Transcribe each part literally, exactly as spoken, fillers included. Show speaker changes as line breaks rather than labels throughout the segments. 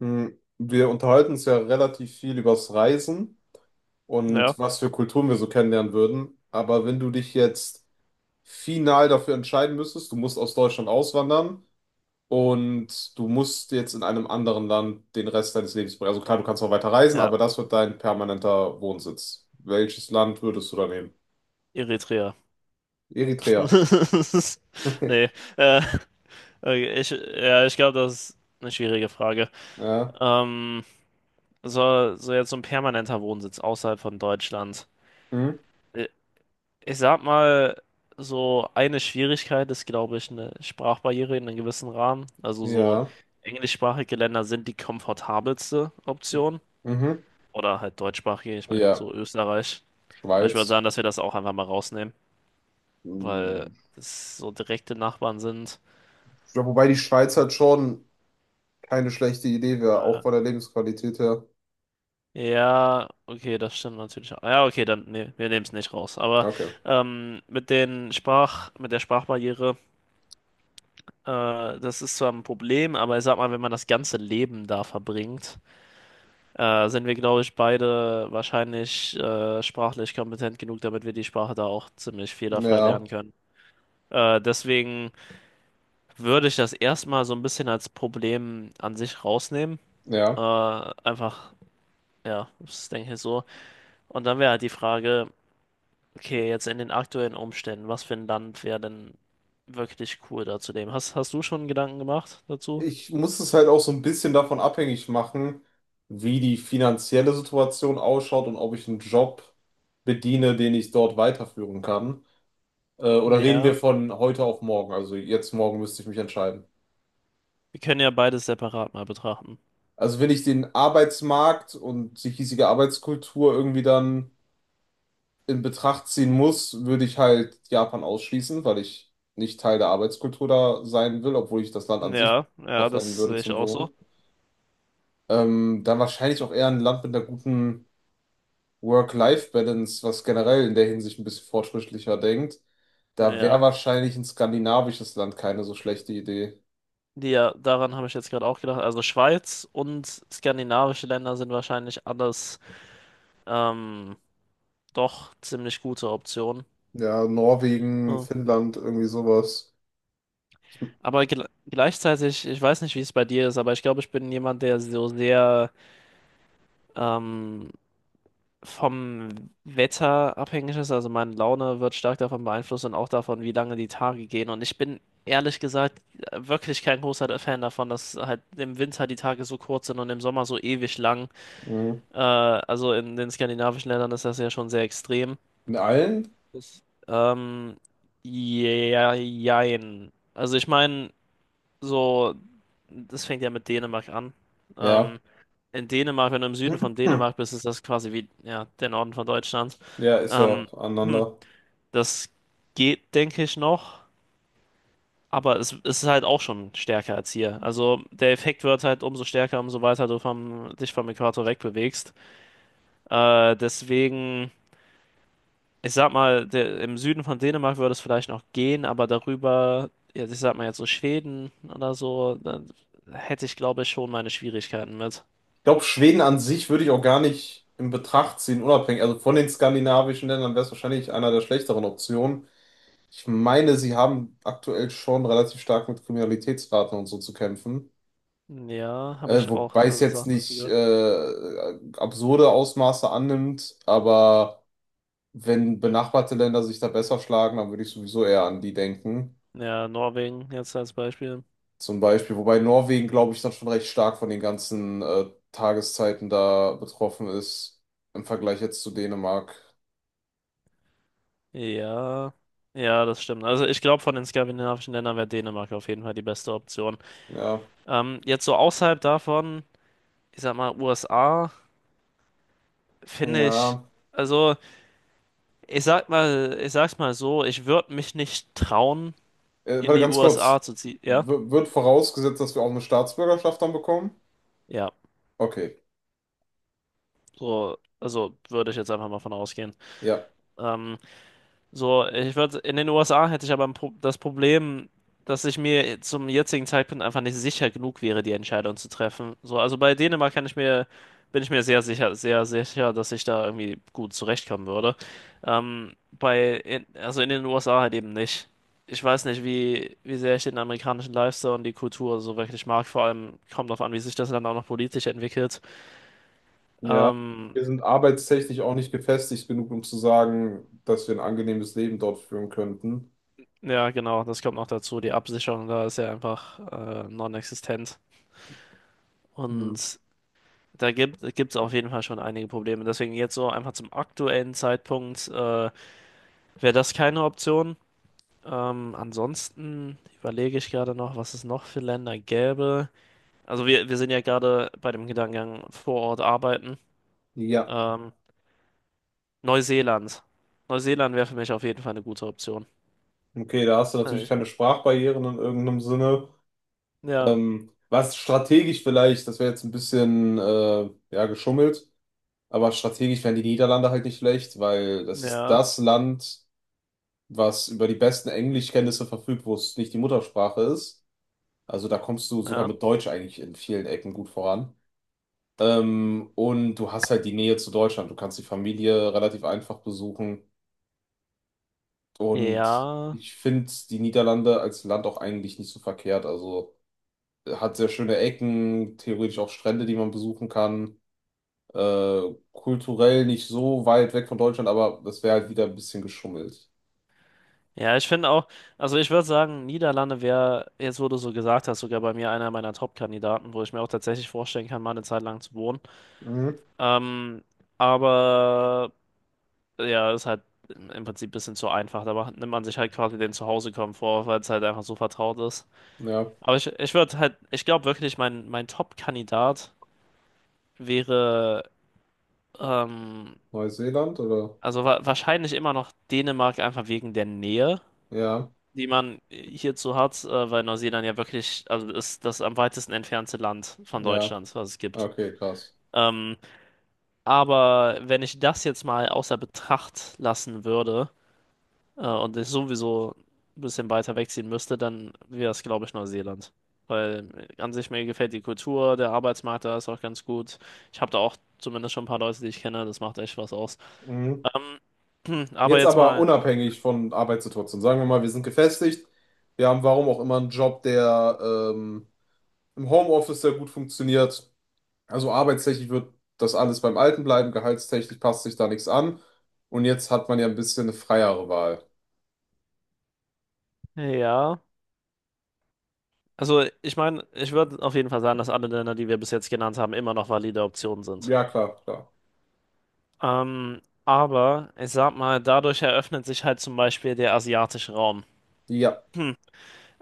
Hm, Wir unterhalten uns ja relativ viel übers Reisen
Ja,
und was für Kulturen wir so kennenlernen würden. Aber wenn du dich jetzt final dafür entscheiden müsstest, du musst aus Deutschland auswandern und du musst jetzt in einem anderen Land den Rest deines Lebens bringen. Also klar, du kannst noch weiter reisen,
ja,
aber das wird dein permanenter Wohnsitz. Welches Land würdest du da nehmen?
Eritrea.
Eritrea.
Nee, äh, okay, ich, ja, ich glaube, das ist eine schwierige Frage.
Ja.
Ähm, so, so jetzt so ein permanenter Wohnsitz außerhalb von Deutschland.
Hm?
Äh, Ich sag mal, so eine Schwierigkeit ist, glaube ich, eine Sprachbarriere in einem gewissen Rahmen. Also so
Ja.
englischsprachige Länder sind die komfortabelste Option.
Mhm.
Oder halt deutschsprachige, ich meine,
Ja,
so Österreich. Aber ich würde
Schweiz.
sagen, dass wir das auch einfach mal rausnehmen, weil
Hm.
es so direkte Nachbarn sind.
Ja, wobei die Schweiz halt schon, keine schlechte Idee wäre, auch
Äh,
von der Lebensqualität her.
Ja, okay, das stimmt natürlich auch. Ja, okay, dann, nee, wir nehmen es nicht raus. Aber
Okay.
ähm, mit den Sprach, mit der Sprachbarriere, äh, das ist zwar ein Problem, aber ich sag mal, wenn man das ganze Leben da verbringt, äh, sind wir, glaube ich, beide wahrscheinlich äh, sprachlich kompetent genug, damit wir die Sprache da auch ziemlich fehlerfrei
Ja,
lernen können. Äh, deswegen würde ich das erstmal so ein bisschen als Problem an sich rausnehmen. Äh,
ja.
einfach, ja, das denke ich so. Und dann wäre halt die Frage. Okay, jetzt in den aktuellen Umständen, was für ein Land wäre denn wirklich cool da zu leben? Hast, hast du schon Gedanken gemacht dazu?
Ich muss es halt auch so ein bisschen davon abhängig machen, wie die finanzielle Situation ausschaut und ob ich einen Job bediene, den ich dort weiterführen kann. Äh, oder reden
Ja,
wir von heute auf morgen? Also jetzt morgen müsste ich mich entscheiden.
wir können ja beides separat mal betrachten.
Also wenn ich den Arbeitsmarkt und die hiesige Arbeitskultur irgendwie dann in Betracht ziehen muss, würde ich halt Japan ausschließen, weil ich nicht Teil der Arbeitskultur da sein will, obwohl ich das Land an sich
Ja,
super
ja,
fänden
das
würde
sehe ich
zum
auch
Wohnen.
so.
Ähm, dann wahrscheinlich auch eher ein Land mit einer guten Work-Life-Balance, was generell in der Hinsicht ein bisschen fortschrittlicher denkt. Da wäre
Ja,
wahrscheinlich ein skandinavisches Land keine so schlechte Idee.
die, ja, daran habe ich jetzt gerade auch gedacht. Also Schweiz und skandinavische Länder sind wahrscheinlich alles ähm, doch ziemlich gute Optionen.
Ja, Norwegen,
Ja.
Finnland, irgendwie sowas.
Aber gel gleichzeitig, ich weiß nicht, wie es bei dir ist, aber ich glaube, ich bin jemand, der so sehr ähm, vom Wetter abhängig ist. Also meine Laune wird stark davon beeinflusst und auch davon, wie lange die Tage gehen. Und ich bin ehrlich gesagt wirklich kein großer Fan davon, dass halt im Winter die Tage so kurz sind und im Sommer so ewig lang.
Mhm.
Äh, also in den skandinavischen Ländern ist das ja schon sehr extrem.
In allen?
Das, Ähm, ja, jein. Also ich meine so, das fängt ja mit Dänemark an.
Ja.
Ähm, in Dänemark, wenn du im Süden von
Hm.
Dänemark bist, ist das quasi wie, ja, der Norden von Deutschland.
Ja, ist ja
Ähm, hm,
aneinander.
das geht, denke ich, noch, aber es, es ist halt auch schon stärker als hier. Also der Effekt wird halt umso stärker, umso weiter du vom, dich vom Äquator wegbewegst. Äh, deswegen. Ich sag mal, der, im Süden von Dänemark würde es vielleicht noch gehen, aber darüber, ja, ich sag mal jetzt so Schweden oder so, dann hätte ich glaube ich schon meine Schwierigkeiten mit.
Ich glaube, Schweden an sich würde ich auch gar nicht in Betracht ziehen, unabhängig. Also von den skandinavischen Ländern wäre es wahrscheinlich einer der schlechteren Optionen. Ich meine, sie haben aktuell schon relativ stark mit Kriminalitätsraten und so zu kämpfen.
Ja, habe
Äh,
ich auch
wobei es
so
jetzt
Sachen dazu
nicht
gehört.
äh, absurde Ausmaße annimmt, aber wenn benachbarte Länder sich da besser schlagen, dann würde ich sowieso eher an die denken.
Ja, Norwegen jetzt als Beispiel.
Zum Beispiel, wobei Norwegen, glaube ich, dann schon recht stark von den ganzen äh, Tageszeiten da betroffen ist im Vergleich jetzt zu Dänemark.
Ja, ja, das stimmt. Also ich glaube, von den skandinavischen Ländern wäre Dänemark auf jeden Fall die beste Option.
Ja,
Ähm, jetzt so außerhalb davon, ich sag mal, U S A, finde ich,
ja.
also ich sag mal, ich sag's mal so, ich würde mich nicht trauen
Äh,
in
warte,
die
ganz
U S A
kurz.
zu ziehen, ja?
W wird vorausgesetzt, dass wir auch eine Staatsbürgerschaft dann bekommen?
Ja,
Okay,
so, also würde ich jetzt einfach mal von ausgehen.
ja.
Ähm, so, ich würde, in den U S A hätte ich aber ein Pro das Problem, dass ich mir zum jetzigen Zeitpunkt einfach nicht sicher genug wäre, die Entscheidung zu treffen. So, also bei Dänemark kann ich mir, bin ich mir sehr sicher, sehr sicher, dass ich da irgendwie gut zurechtkommen würde. Ähm, bei, in, also in den U S A halt eben nicht. Ich weiß nicht, wie, wie sehr ich den amerikanischen Lifestyle und die Kultur so wirklich mag. Vor allem kommt darauf an, wie sich das Land auch noch politisch entwickelt.
Ja.
Ähm,
Wir sind arbeitstechnisch auch nicht gefestigt genug, um zu sagen, dass wir ein angenehmes Leben dort führen könnten.
ja, genau, das kommt noch dazu. Die Absicherung da ist ja einfach äh, non-existent.
Hm.
Und da gibt es auf jeden Fall schon einige Probleme. Deswegen jetzt so einfach zum aktuellen Zeitpunkt äh, wäre das keine Option. Ähm, ansonsten überlege ich gerade noch, was es noch für Länder gäbe. Also wir, wir sind ja gerade bei dem Gedankengang vor Ort arbeiten.
Ja.
Ähm, Neuseeland. Neuseeland wäre für mich auf jeden Fall eine gute Option.
Okay, da hast du
Also
natürlich
ich,
keine Sprachbarrieren in irgendeinem Sinne.
ja,
Ähm, was strategisch vielleicht, das wäre jetzt ein bisschen äh, ja, geschummelt, aber strategisch wären die Niederlande halt nicht schlecht, weil das ist
ja,
das Land, was über die besten Englischkenntnisse verfügt, wo es nicht die Muttersprache ist. Also da kommst du sogar
ja.
mit Deutsch eigentlich in vielen Ecken gut voran. Ähm, und du hast halt die Nähe zu Deutschland. Du kannst die Familie relativ einfach besuchen. Und
Ja,
ich finde die Niederlande als Land auch eigentlich nicht so verkehrt. Also äh, hat sehr schöne Ecken, theoretisch auch Strände, die man besuchen kann. Äh, Kulturell nicht so weit weg von Deutschland, aber das wäre halt wieder ein bisschen geschummelt.
Ja, ich finde auch, also ich würde sagen, Niederlande wäre, jetzt wo du so gesagt hast, sogar bei mir einer meiner Top-Kandidaten, wo ich mir auch tatsächlich vorstellen kann, mal eine Zeit lang zu wohnen.
Mhm.
Ähm, aber ja, ist halt im Prinzip ein bisschen zu einfach. Da macht, nimmt man sich halt quasi den Zuhause-Komfort, weil es halt einfach so vertraut ist.
Ja,
Aber ich, ich würde halt, ich glaube wirklich, mein, mein Top-Kandidat wäre, ähm,
Neuseeland oder?
also wa wahrscheinlich immer noch Dänemark, einfach wegen der Nähe
Ja,
die man hierzu hat, äh, weil Neuseeland ja wirklich, also ist das am weitesten entfernte Land von
ja.
Deutschland, was es gibt.
Okay, krass.
Ähm, aber wenn ich das jetzt mal außer Betracht lassen würde, äh, und ich sowieso ein bisschen weiter wegziehen müsste, dann wäre es, glaube ich, Neuseeland. Weil an sich mir gefällt die Kultur, der Arbeitsmarkt da ist auch ganz gut. Ich habe da auch zumindest schon ein paar Leute, die ich kenne, das macht echt was aus.
Mhm.
Ähm, aber
Jetzt
jetzt
aber
mal,
unabhängig von Arbeitssituation. Sagen wir mal, wir sind gefestigt. Wir haben warum auch immer einen Job, der ähm, im Homeoffice sehr gut funktioniert. Also arbeitstechnisch wird das alles beim Alten bleiben. Gehaltstechnisch passt sich da nichts an. Und jetzt hat man ja ein bisschen eine freiere Wahl.
ja. Also ich meine, ich würde auf jeden Fall sagen, dass alle Länder, die wir bis jetzt genannt haben, immer noch valide Optionen sind.
Ja, klar, klar.
Ähm, aber ich sag mal, dadurch eröffnet sich halt zum Beispiel der asiatische Raum.
Ja,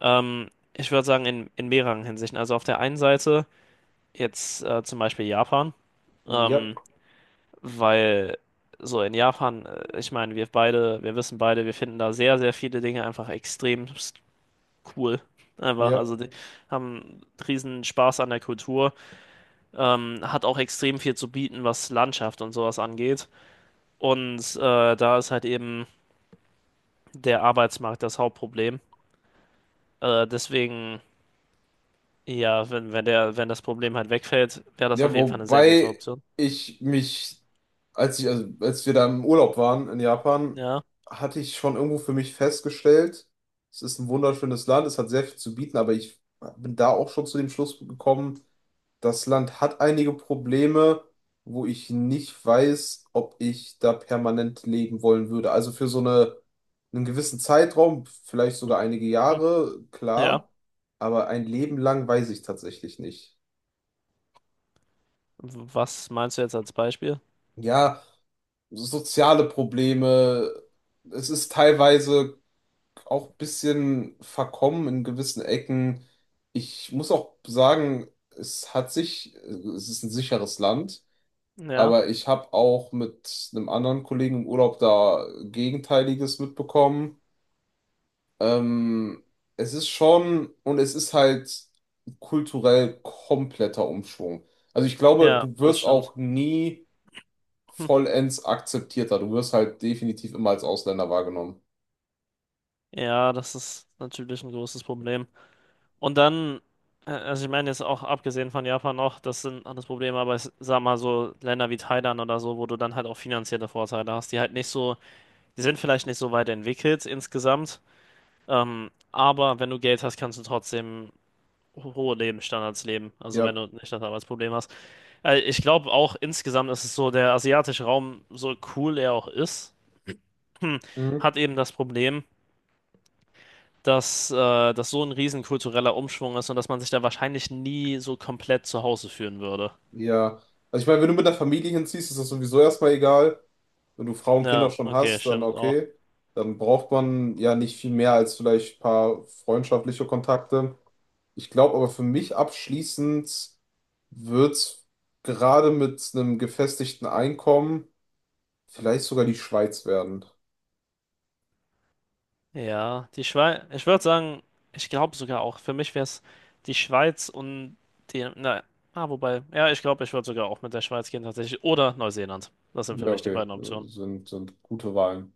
Ähm, Ich würde sagen, in, in mehreren Hinsichten. Also auf der einen Seite jetzt äh, zum Beispiel Japan,
ja,
ähm, weil so in Japan, äh, ich meine, wir beide, wir wissen beide, wir finden da sehr, sehr viele Dinge einfach extrem cool. Einfach,
ja.
also die haben riesen Spaß an der Kultur. Ähm, hat auch extrem viel zu bieten, was Landschaft und sowas angeht. Und äh, da ist halt eben der Arbeitsmarkt das Hauptproblem. Äh, deswegen, ja, wenn, wenn der, wenn das Problem halt wegfällt, wäre das
Ja,
auf jeden Fall eine sehr gute
wobei
Option.
ich mich, als ich, also als wir da im Urlaub waren in Japan,
Ja,
hatte ich schon irgendwo für mich festgestellt, es ist ein wunderschönes Land, es hat sehr viel zu bieten, aber ich bin da auch schon zu dem Schluss gekommen, das Land hat einige Probleme, wo ich nicht weiß, ob ich da permanent leben wollen würde. Also für so eine, einen gewissen Zeitraum, vielleicht sogar einige
hm.
Jahre,
Ja.
klar, aber ein Leben lang weiß ich tatsächlich nicht.
Was meinst du jetzt als Beispiel?
Ja, soziale Probleme. Es ist teilweise auch ein bisschen verkommen in gewissen Ecken. Ich muss auch sagen, es hat sich, es ist ein sicheres Land,
Ja,
aber ich habe auch mit einem anderen Kollegen im Urlaub da Gegenteiliges mitbekommen. Ähm, Es ist schon, und es ist halt kulturell kompletter Umschwung. Also ich glaube,
ja,
du
das
wirst
stimmt.
auch nie
Hm.
vollends akzeptiert akzeptierter. Du wirst halt definitiv immer als Ausländer wahrgenommen.
Ja, das ist natürlich ein großes Problem. Und dann, äh, also ich meine jetzt auch abgesehen von Japan noch, das sind alles Probleme, aber ich sag mal so Länder wie Thailand oder so, wo du dann halt auch finanzielle Vorteile hast, die halt nicht so, die sind vielleicht nicht so weit entwickelt insgesamt, ähm, aber wenn du Geld hast, kannst du trotzdem ho- hohe Lebensstandards leben, also wenn
Ja.
du nicht das Arbeitsproblem hast. Äh, ich glaube auch insgesamt ist es so, der asiatische Raum, so cool er auch ist,
Mhm.
hat eben das Problem, dass, äh, das so ein riesen kultureller Umschwung ist und dass man sich da wahrscheinlich nie so komplett zu Hause fühlen würde.
Ja. Also ich meine, wenn du mit der Familie hinziehst, ist das sowieso erstmal egal. Wenn du Frau und Kinder
Ja,
schon
okay,
hast, dann
stimmt auch.
okay. Dann braucht man ja nicht viel mehr als vielleicht ein paar freundschaftliche Kontakte. Ich glaube aber für mich abschließend wird's gerade mit einem gefestigten Einkommen vielleicht sogar die Schweiz werden.
Ja, die Schweiz, ich würde sagen, ich glaube sogar auch, für mich wäre es die Schweiz und die, na, ah, wobei, ja, ich glaube, ich würde sogar auch mit der Schweiz gehen tatsächlich oder Neuseeland. Das sind für
Ja,
mich die
okay.
beiden Optionen.
Sind, sind gute Wahlen.